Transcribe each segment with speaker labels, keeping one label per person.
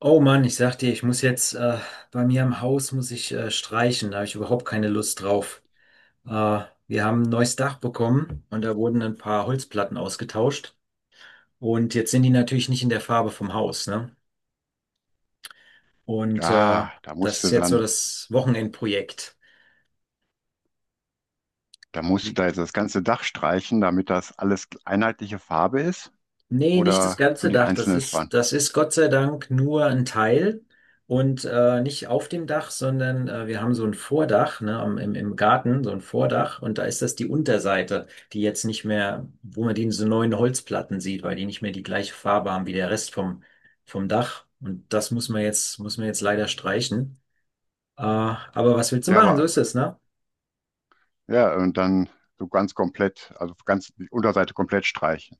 Speaker 1: Oh Mann, ich sag dir, ich muss jetzt bei mir im Haus muss ich streichen. Da habe ich überhaupt keine Lust drauf. Äh, wir haben ein neues Dach bekommen und da wurden ein paar Holzplatten ausgetauscht. Und jetzt sind die natürlich nicht in der Farbe vom Haus, ne? Und
Speaker 2: Ah, da
Speaker 1: das
Speaker 2: musst
Speaker 1: ist
Speaker 2: du
Speaker 1: jetzt so
Speaker 2: dann,
Speaker 1: das Wochenendprojekt.
Speaker 2: da musst du da jetzt das ganze Dach streichen, damit das alles einheitliche Farbe ist
Speaker 1: Nee, nicht das
Speaker 2: oder nur
Speaker 1: ganze
Speaker 2: die
Speaker 1: Dach. Das
Speaker 2: einzelnen Farben.
Speaker 1: ist, das ist Gott sei Dank nur ein Teil und nicht auf dem Dach, sondern wir haben so ein Vordach, ne, am, im Garten, so ein Vordach und da ist das die Unterseite, die jetzt nicht mehr, wo man die so neuen Holzplatten sieht, weil die nicht mehr die gleiche Farbe haben wie der Rest vom, Dach. Und das muss man jetzt, leider streichen. Aber was willst du
Speaker 2: Ja,
Speaker 1: machen? So
Speaker 2: aber
Speaker 1: ist es, ne?
Speaker 2: ja, und dann so ganz komplett, also ganz die Unterseite komplett streichen.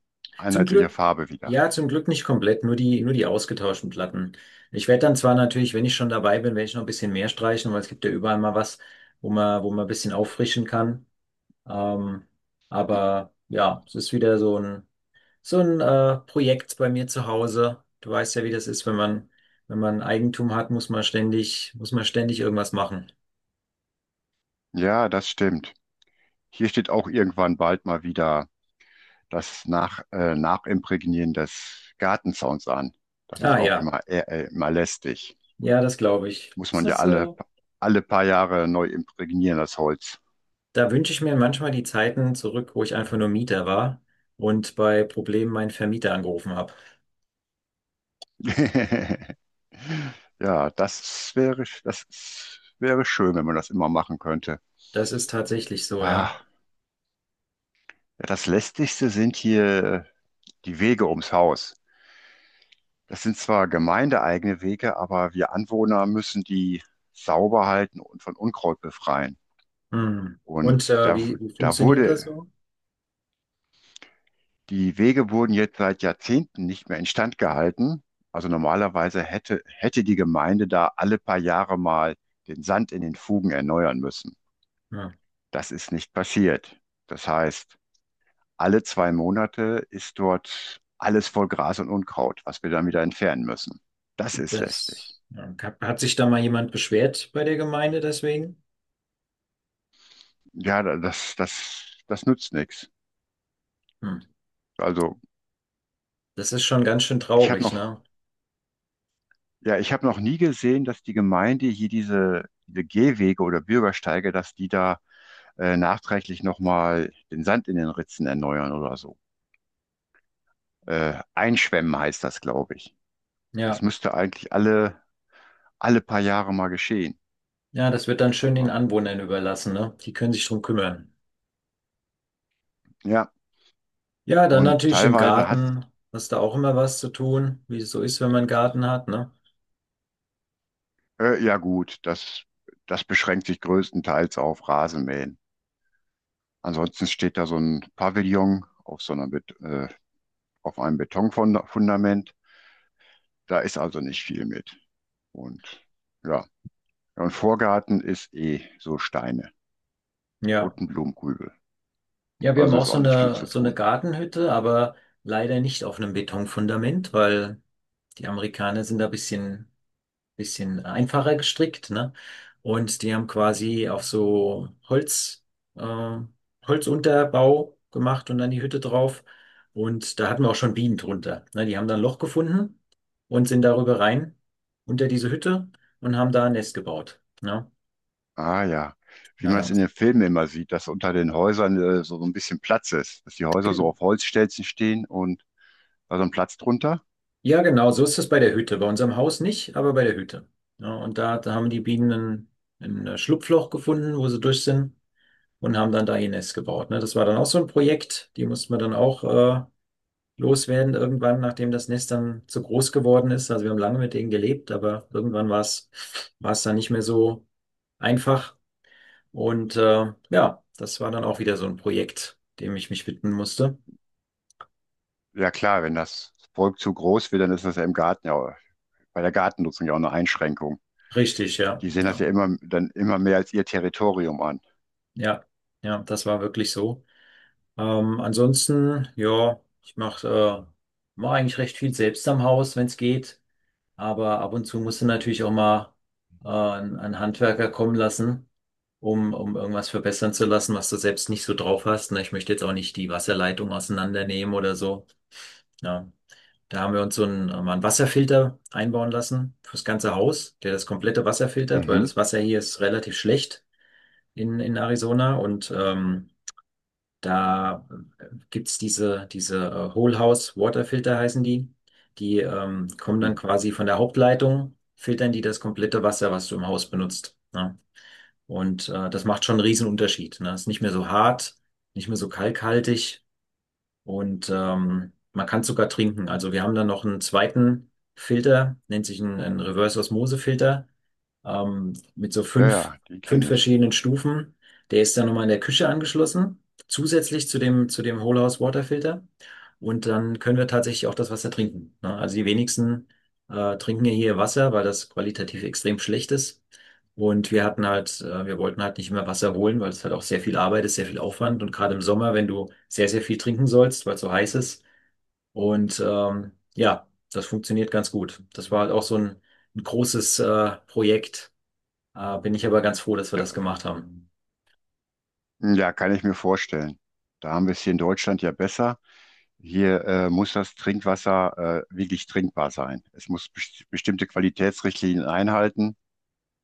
Speaker 1: Zum
Speaker 2: Einheitliche
Speaker 1: Glück,
Speaker 2: Farbe wieder.
Speaker 1: ja, zum Glück nicht komplett, nur die ausgetauschten Platten. Ich werde dann zwar natürlich, wenn ich schon dabei bin, werde ich noch ein bisschen mehr streichen, weil es gibt ja überall mal was, wo man, ein bisschen auffrischen kann. Ähm, aber ja, es ist wieder so ein, Projekt bei mir zu Hause. Du weißt ja, wie das ist, wenn man Eigentum hat, muss man ständig, irgendwas machen.
Speaker 2: Ja, das stimmt. Hier steht auch irgendwann bald mal wieder das Nachimprägnieren des Gartenzauns an. Das ist
Speaker 1: Ah
Speaker 2: auch
Speaker 1: ja,
Speaker 2: immer immer lästig.
Speaker 1: ja, das glaube ich.
Speaker 2: Muss
Speaker 1: Ist
Speaker 2: man ja
Speaker 1: das so.
Speaker 2: alle paar Jahre neu imprägnieren, das Holz.
Speaker 1: Da wünsche ich mir manchmal die Zeiten zurück, wo ich einfach nur Mieter war und bei Problemen meinen Vermieter angerufen habe.
Speaker 2: Ja, das wäre schön, wenn man das immer machen könnte.
Speaker 1: Das ist tatsächlich so, ja.
Speaker 2: Ah, ja, das Lästigste sind hier die Wege ums Haus. Das sind zwar gemeindeeigene Wege, aber wir Anwohner müssen die sauber halten und von Unkraut befreien.
Speaker 1: Hm. Und
Speaker 2: Und da,
Speaker 1: wie
Speaker 2: da
Speaker 1: funktioniert das
Speaker 2: wurde,
Speaker 1: so?
Speaker 2: Die Wege wurden jetzt seit Jahrzehnten nicht mehr instand gehalten. Also normalerweise hätte die Gemeinde da alle paar Jahre mal den Sand in den Fugen erneuern müssen.
Speaker 1: Ja,
Speaker 2: Das ist nicht passiert. Das heißt, alle zwei Monate ist dort alles voll Gras und Unkraut, was wir dann wieder entfernen müssen. Das ist lästig.
Speaker 1: das ja, hat sich da mal jemand beschwert bei der Gemeinde deswegen?
Speaker 2: Das nützt nichts.
Speaker 1: Hm.
Speaker 2: Also
Speaker 1: Das ist schon ganz schön
Speaker 2: ich habe
Speaker 1: traurig,
Speaker 2: noch,
Speaker 1: ne?
Speaker 2: ja, ich habe noch nie gesehen, dass die Gemeinde hier diese Gehwege oder Bürgersteige, dass die da nachträglich nochmal den Sand in den Ritzen erneuern oder so. Einschwemmen heißt das, glaube ich. Das
Speaker 1: Ja,
Speaker 2: müsste eigentlich alle paar Jahre mal geschehen.
Speaker 1: ja, das wird dann schön den
Speaker 2: Aber
Speaker 1: Anwohnern überlassen, ne? Die können sich drum kümmern.
Speaker 2: ja.
Speaker 1: Ja, dann
Speaker 2: Und
Speaker 1: natürlich im Garten. Hast du auch immer was zu tun, wie es so ist, wenn man einen Garten hat, ne?
Speaker 2: ja gut, das beschränkt sich größtenteils auf Rasenmähen. Ansonsten steht da so ein Pavillon auf so auf einem Betonfundament. Da ist also nicht viel mit. Und ja, ja, und Vorgarten ist eh so Steine
Speaker 1: Ja.
Speaker 2: und ein Blumenkübel.
Speaker 1: Ja, wir haben
Speaker 2: Also
Speaker 1: auch
Speaker 2: ist
Speaker 1: so
Speaker 2: auch nicht viel zu
Speaker 1: eine, so eine
Speaker 2: tun.
Speaker 1: Gartenhütte, aber leider nicht auf einem Betonfundament, weil die Amerikaner sind da ein bisschen einfacher gestrickt, ne? Und die haben quasi auf so äh, Holzunterbau gemacht und dann die Hütte drauf. Und da hatten wir auch schon Bienen drunter. Ne? Die haben da ein Loch gefunden und sind darüber rein, unter diese Hütte und haben da ein Nest gebaut. Ne?
Speaker 2: Ah ja, wie
Speaker 1: Ja,
Speaker 2: man es in
Speaker 1: damals.
Speaker 2: den Filmen immer sieht, dass unter den Häusern so, so ein bisschen Platz ist, dass die Häuser so auf Holzstelzen stehen und also ein Platz drunter.
Speaker 1: Ja, genau, so ist es bei der Hütte. Bei unserem Haus nicht, aber bei der Hütte. Ja, und da, haben die Bienen ein Schlupfloch gefunden, wo sie durch sind und haben dann da ihr Nest gebaut. Ne? Das war dann auch so ein Projekt, die mussten wir dann auch loswerden irgendwann, nachdem das Nest dann zu groß geworden ist. Also wir haben lange mit denen gelebt, aber irgendwann war es dann nicht mehr so einfach. Und ja, das war dann auch wieder so ein Projekt, dem ich mich widmen musste.
Speaker 2: Ja klar, wenn das Volk zu groß wird, dann ist das ja im Garten ja bei der Gartennutzung ja auch eine Einschränkung.
Speaker 1: Richtig, ja,
Speaker 2: Die sehen das
Speaker 1: ja,
Speaker 2: ja immer dann immer mehr als ihr Territorium an.
Speaker 1: ja, ja, das war wirklich so. Ansonsten, ja, ich äh, mach eigentlich recht viel selbst am Haus, wenn es geht. Aber ab und zu musst du natürlich auch mal einen, Handwerker kommen lassen, um, um irgendwas verbessern zu lassen, was du selbst nicht so drauf hast. Ne? Ich möchte jetzt auch nicht die Wasserleitung auseinandernehmen oder so. Ja. Da haben wir uns so einen, mal einen Wasserfilter einbauen lassen fürs ganze Haus, der das komplette Wasser filtert, weil
Speaker 2: Mhm.
Speaker 1: das Wasser hier ist relativ schlecht in, Arizona und da gibt's diese Whole House Waterfilter heißen die. Die kommen dann
Speaker 2: Mhm.
Speaker 1: quasi von der Hauptleitung, filtern die das komplette Wasser, was du im Haus benutzt. Ne? Und das macht schon einen riesen Unterschied. Ne? Ist nicht mehr so hart, nicht mehr so kalkhaltig und man kann sogar trinken. Also wir haben dann noch einen zweiten Filter, nennt sich ein, Reverse Osmose Filter mit so
Speaker 2: Ja,
Speaker 1: fünf,
Speaker 2: ja, die
Speaker 1: fünf
Speaker 2: kenne ich.
Speaker 1: verschiedenen Stufen. Der ist dann nochmal in der Küche angeschlossen, zusätzlich zu dem Whole House Waterfilter. Und dann können wir tatsächlich auch das Wasser trinken. Ne? Also die wenigsten trinken ja hier Wasser, weil das qualitativ extrem schlecht ist. Und wir hatten halt, wir wollten halt nicht mehr Wasser holen, weil es halt auch sehr viel Arbeit ist, sehr viel Aufwand. Und gerade im Sommer, wenn du sehr, sehr viel trinken sollst, weil es so heiß ist. Und ja, das funktioniert ganz gut. Das war halt auch so ein, großes Projekt bin ich aber ganz froh, dass wir
Speaker 2: Ja,
Speaker 1: das gemacht haben.
Speaker 2: ja, kann ich mir vorstellen. Da haben wir es hier in Deutschland ja besser. Hier muss das Trinkwasser wirklich trinkbar sein. Es muss best bestimmte Qualitätsrichtlinien einhalten.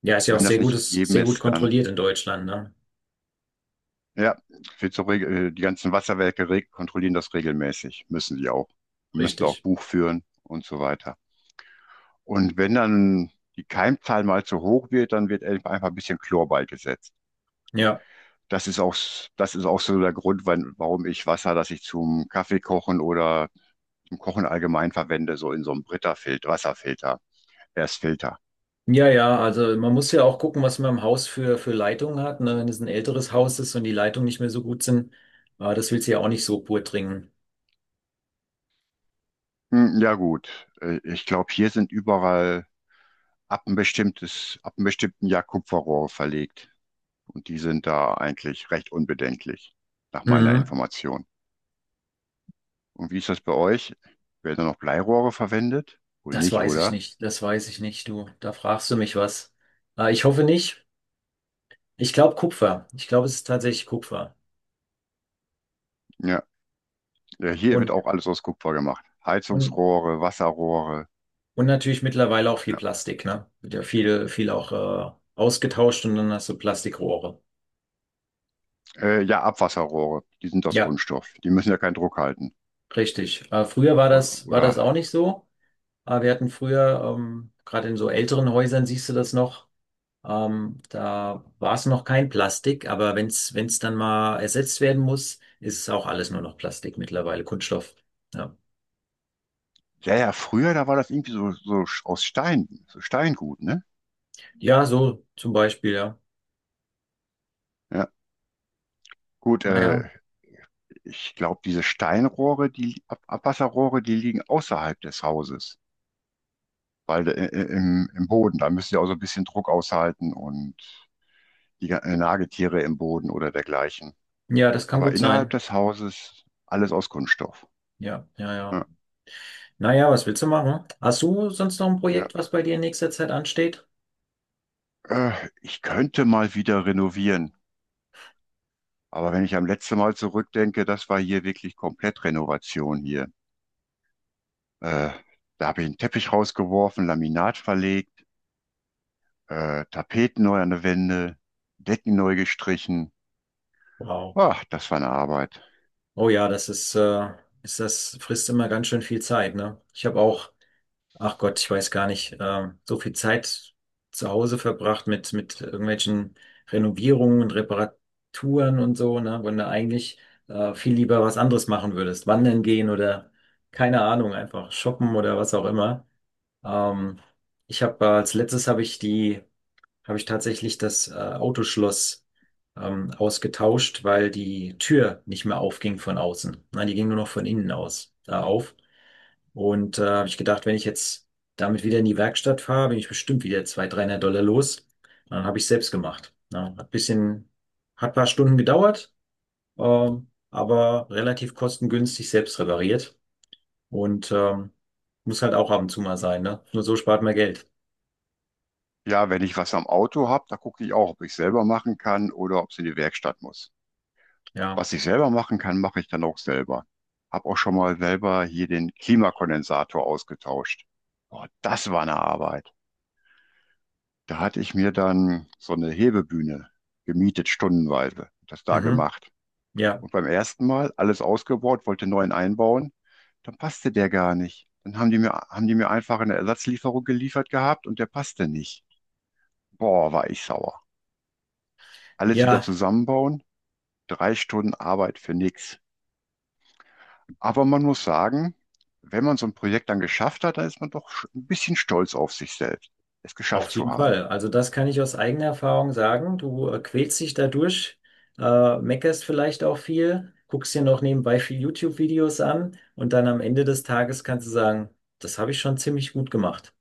Speaker 1: Ja, ist
Speaker 2: Und
Speaker 1: ja auch
Speaker 2: wenn das
Speaker 1: sehr gut,
Speaker 2: nicht
Speaker 1: ist
Speaker 2: gegeben
Speaker 1: sehr gut
Speaker 2: ist,
Speaker 1: kontrolliert in Deutschland, ne?
Speaker 2: ja, wird so die ganzen Wasserwerke reg- kontrollieren das regelmäßig. Müssen sie auch. Wir müssen da auch
Speaker 1: Richtig.
Speaker 2: Buch führen und so weiter. Und wenn dann die Keimzahl mal zu hoch wird, dann wird einfach ein bisschen Chlor beigesetzt.
Speaker 1: Ja.
Speaker 2: Das ist das ist auch so der Grund, warum ich Wasser, das ich zum Kaffee kochen oder zum Kochen allgemein verwende, so in so einem Brita-Filter, Wasserfilter er ist Filter.
Speaker 1: Ja, ja, also man muss ja auch gucken, was man im Haus für, Leitungen hat, ne? Wenn es ein älteres Haus ist und die Leitungen nicht mehr so gut sind, das willst du ja auch nicht so pur trinken.
Speaker 2: Hm, ja gut, ich glaube, hier sind überall ab einem bestimmten Jahr Kupferrohre verlegt. Und die sind da eigentlich recht unbedenklich, nach meiner
Speaker 1: Mhm.
Speaker 2: Information. Und wie ist das bei euch? Werden da noch Bleirohre verwendet? Wohl
Speaker 1: Das
Speaker 2: nicht,
Speaker 1: weiß ich
Speaker 2: oder?
Speaker 1: nicht, das weiß ich nicht, du. Da fragst du mich was. Ich hoffe nicht. Ich glaube Kupfer. Ich glaube, es ist tatsächlich Kupfer.
Speaker 2: Ja, ja, hier wird
Speaker 1: Und,
Speaker 2: auch alles aus Kupfer gemacht.
Speaker 1: und
Speaker 2: Heizungsrohre, Wasserrohre,
Speaker 1: Und natürlich mittlerweile auch viel
Speaker 2: ja,
Speaker 1: Plastik, ne? Wird ja viel, viel auch ausgetauscht und dann hast du Plastikrohre.
Speaker 2: ja, Abwasserrohre, die sind aus
Speaker 1: Ja,
Speaker 2: Kunststoff. Die müssen ja keinen Druck halten.
Speaker 1: richtig. Früher war
Speaker 2: Oder,
Speaker 1: das, war
Speaker 2: oder,
Speaker 1: das auch nicht so. Wir hatten früher, gerade in so älteren Häusern siehst du das noch, da war es noch kein Plastik, aber wenn es dann mal ersetzt werden muss, ist es auch alles nur noch Plastik mittlerweile, Kunststoff. Ja,
Speaker 2: ja, ja, früher, da war das irgendwie so, so aus Stein, so Steingut, ne?
Speaker 1: ja, so zum Beispiel, ja.
Speaker 2: Ja, gut,
Speaker 1: Naja,
Speaker 2: ich glaube, diese Steinrohre, die Ab Abwasserrohre, die liegen außerhalb des Hauses, weil im Boden, da müssen sie auch so ein bisschen Druck aushalten und die Nagetiere im Boden oder dergleichen.
Speaker 1: ja, ja, das kann
Speaker 2: Aber
Speaker 1: gut
Speaker 2: innerhalb
Speaker 1: sein.
Speaker 2: des Hauses alles aus Kunststoff.
Speaker 1: Ja, ja, ja.
Speaker 2: Ja,
Speaker 1: Naja, was willst du machen? Hast du sonst noch ein
Speaker 2: ja.
Speaker 1: Projekt, was bei dir in nächster Zeit ansteht?
Speaker 2: Ich könnte mal wieder renovieren, aber wenn ich am letzten Mal zurückdenke, das war hier wirklich komplett Renovation hier. Äh, Da habe ich einen Teppich rausgeworfen, Laminat verlegt. Äh, Tapeten neu an der Wände, Decken neu gestrichen.
Speaker 1: Wow.
Speaker 2: Ah, das war eine Arbeit.
Speaker 1: Oh ja, das ist, ist das frisst immer ganz schön viel Zeit, ne? Ich habe auch, ach Gott, ich weiß gar nicht, so viel Zeit zu Hause verbracht mit irgendwelchen Renovierungen und Reparaturen und so, ne? Wenn du eigentlich viel lieber was anderes machen würdest. Wandern gehen oder keine Ahnung, einfach shoppen oder was auch immer. Ähm, ich habe als letztes habe ich die habe ich tatsächlich das Autoschloss ausgetauscht, weil die Tür nicht mehr aufging von außen. Nein, die ging nur noch von innen aus auf. Und habe ich gedacht, wenn ich jetzt damit wieder in die Werkstatt fahre, bin ich bestimmt wieder 200, 300 Dollar los. Dann habe ich selbst gemacht. Ja, hat bisschen, hat paar Stunden gedauert, aber relativ kostengünstig selbst repariert. Und muss halt auch ab und zu mal sein, ne? Nur so spart man Geld.
Speaker 2: Ja, wenn ich was am Auto habe, da gucke ich auch, ob ich selber machen kann oder ob es in die Werkstatt muss.
Speaker 1: Ja.
Speaker 2: Was ich selber machen kann, mache ich dann auch selber. Hab auch schon mal selber hier den Klimakondensator ausgetauscht. Boah, das war eine Arbeit. Da hatte ich mir dann so eine Hebebühne gemietet, stundenweise, das da
Speaker 1: Mhm.
Speaker 2: gemacht.
Speaker 1: Ja.
Speaker 2: Und beim ersten Mal alles ausgebaut, wollte neuen einbauen, dann passte der gar nicht. Dann haben haben die mir einfach eine Ersatzlieferung geliefert gehabt und der passte nicht. Boah, war ich sauer. Alles wieder
Speaker 1: Ja.
Speaker 2: zusammenbauen, 3 Stunden Arbeit für nichts. Aber man muss sagen, wenn man so ein Projekt dann geschafft hat, dann ist man doch ein bisschen stolz auf sich selbst, es geschafft
Speaker 1: Auf
Speaker 2: zu
Speaker 1: jeden
Speaker 2: haben.
Speaker 1: Fall. Also das kann ich aus eigener Erfahrung sagen. Du quälst dich dadurch, meckerst vielleicht auch viel, guckst dir noch nebenbei viel YouTube-Videos an und dann am Ende des Tages kannst du sagen, das habe ich schon ziemlich gut gemacht.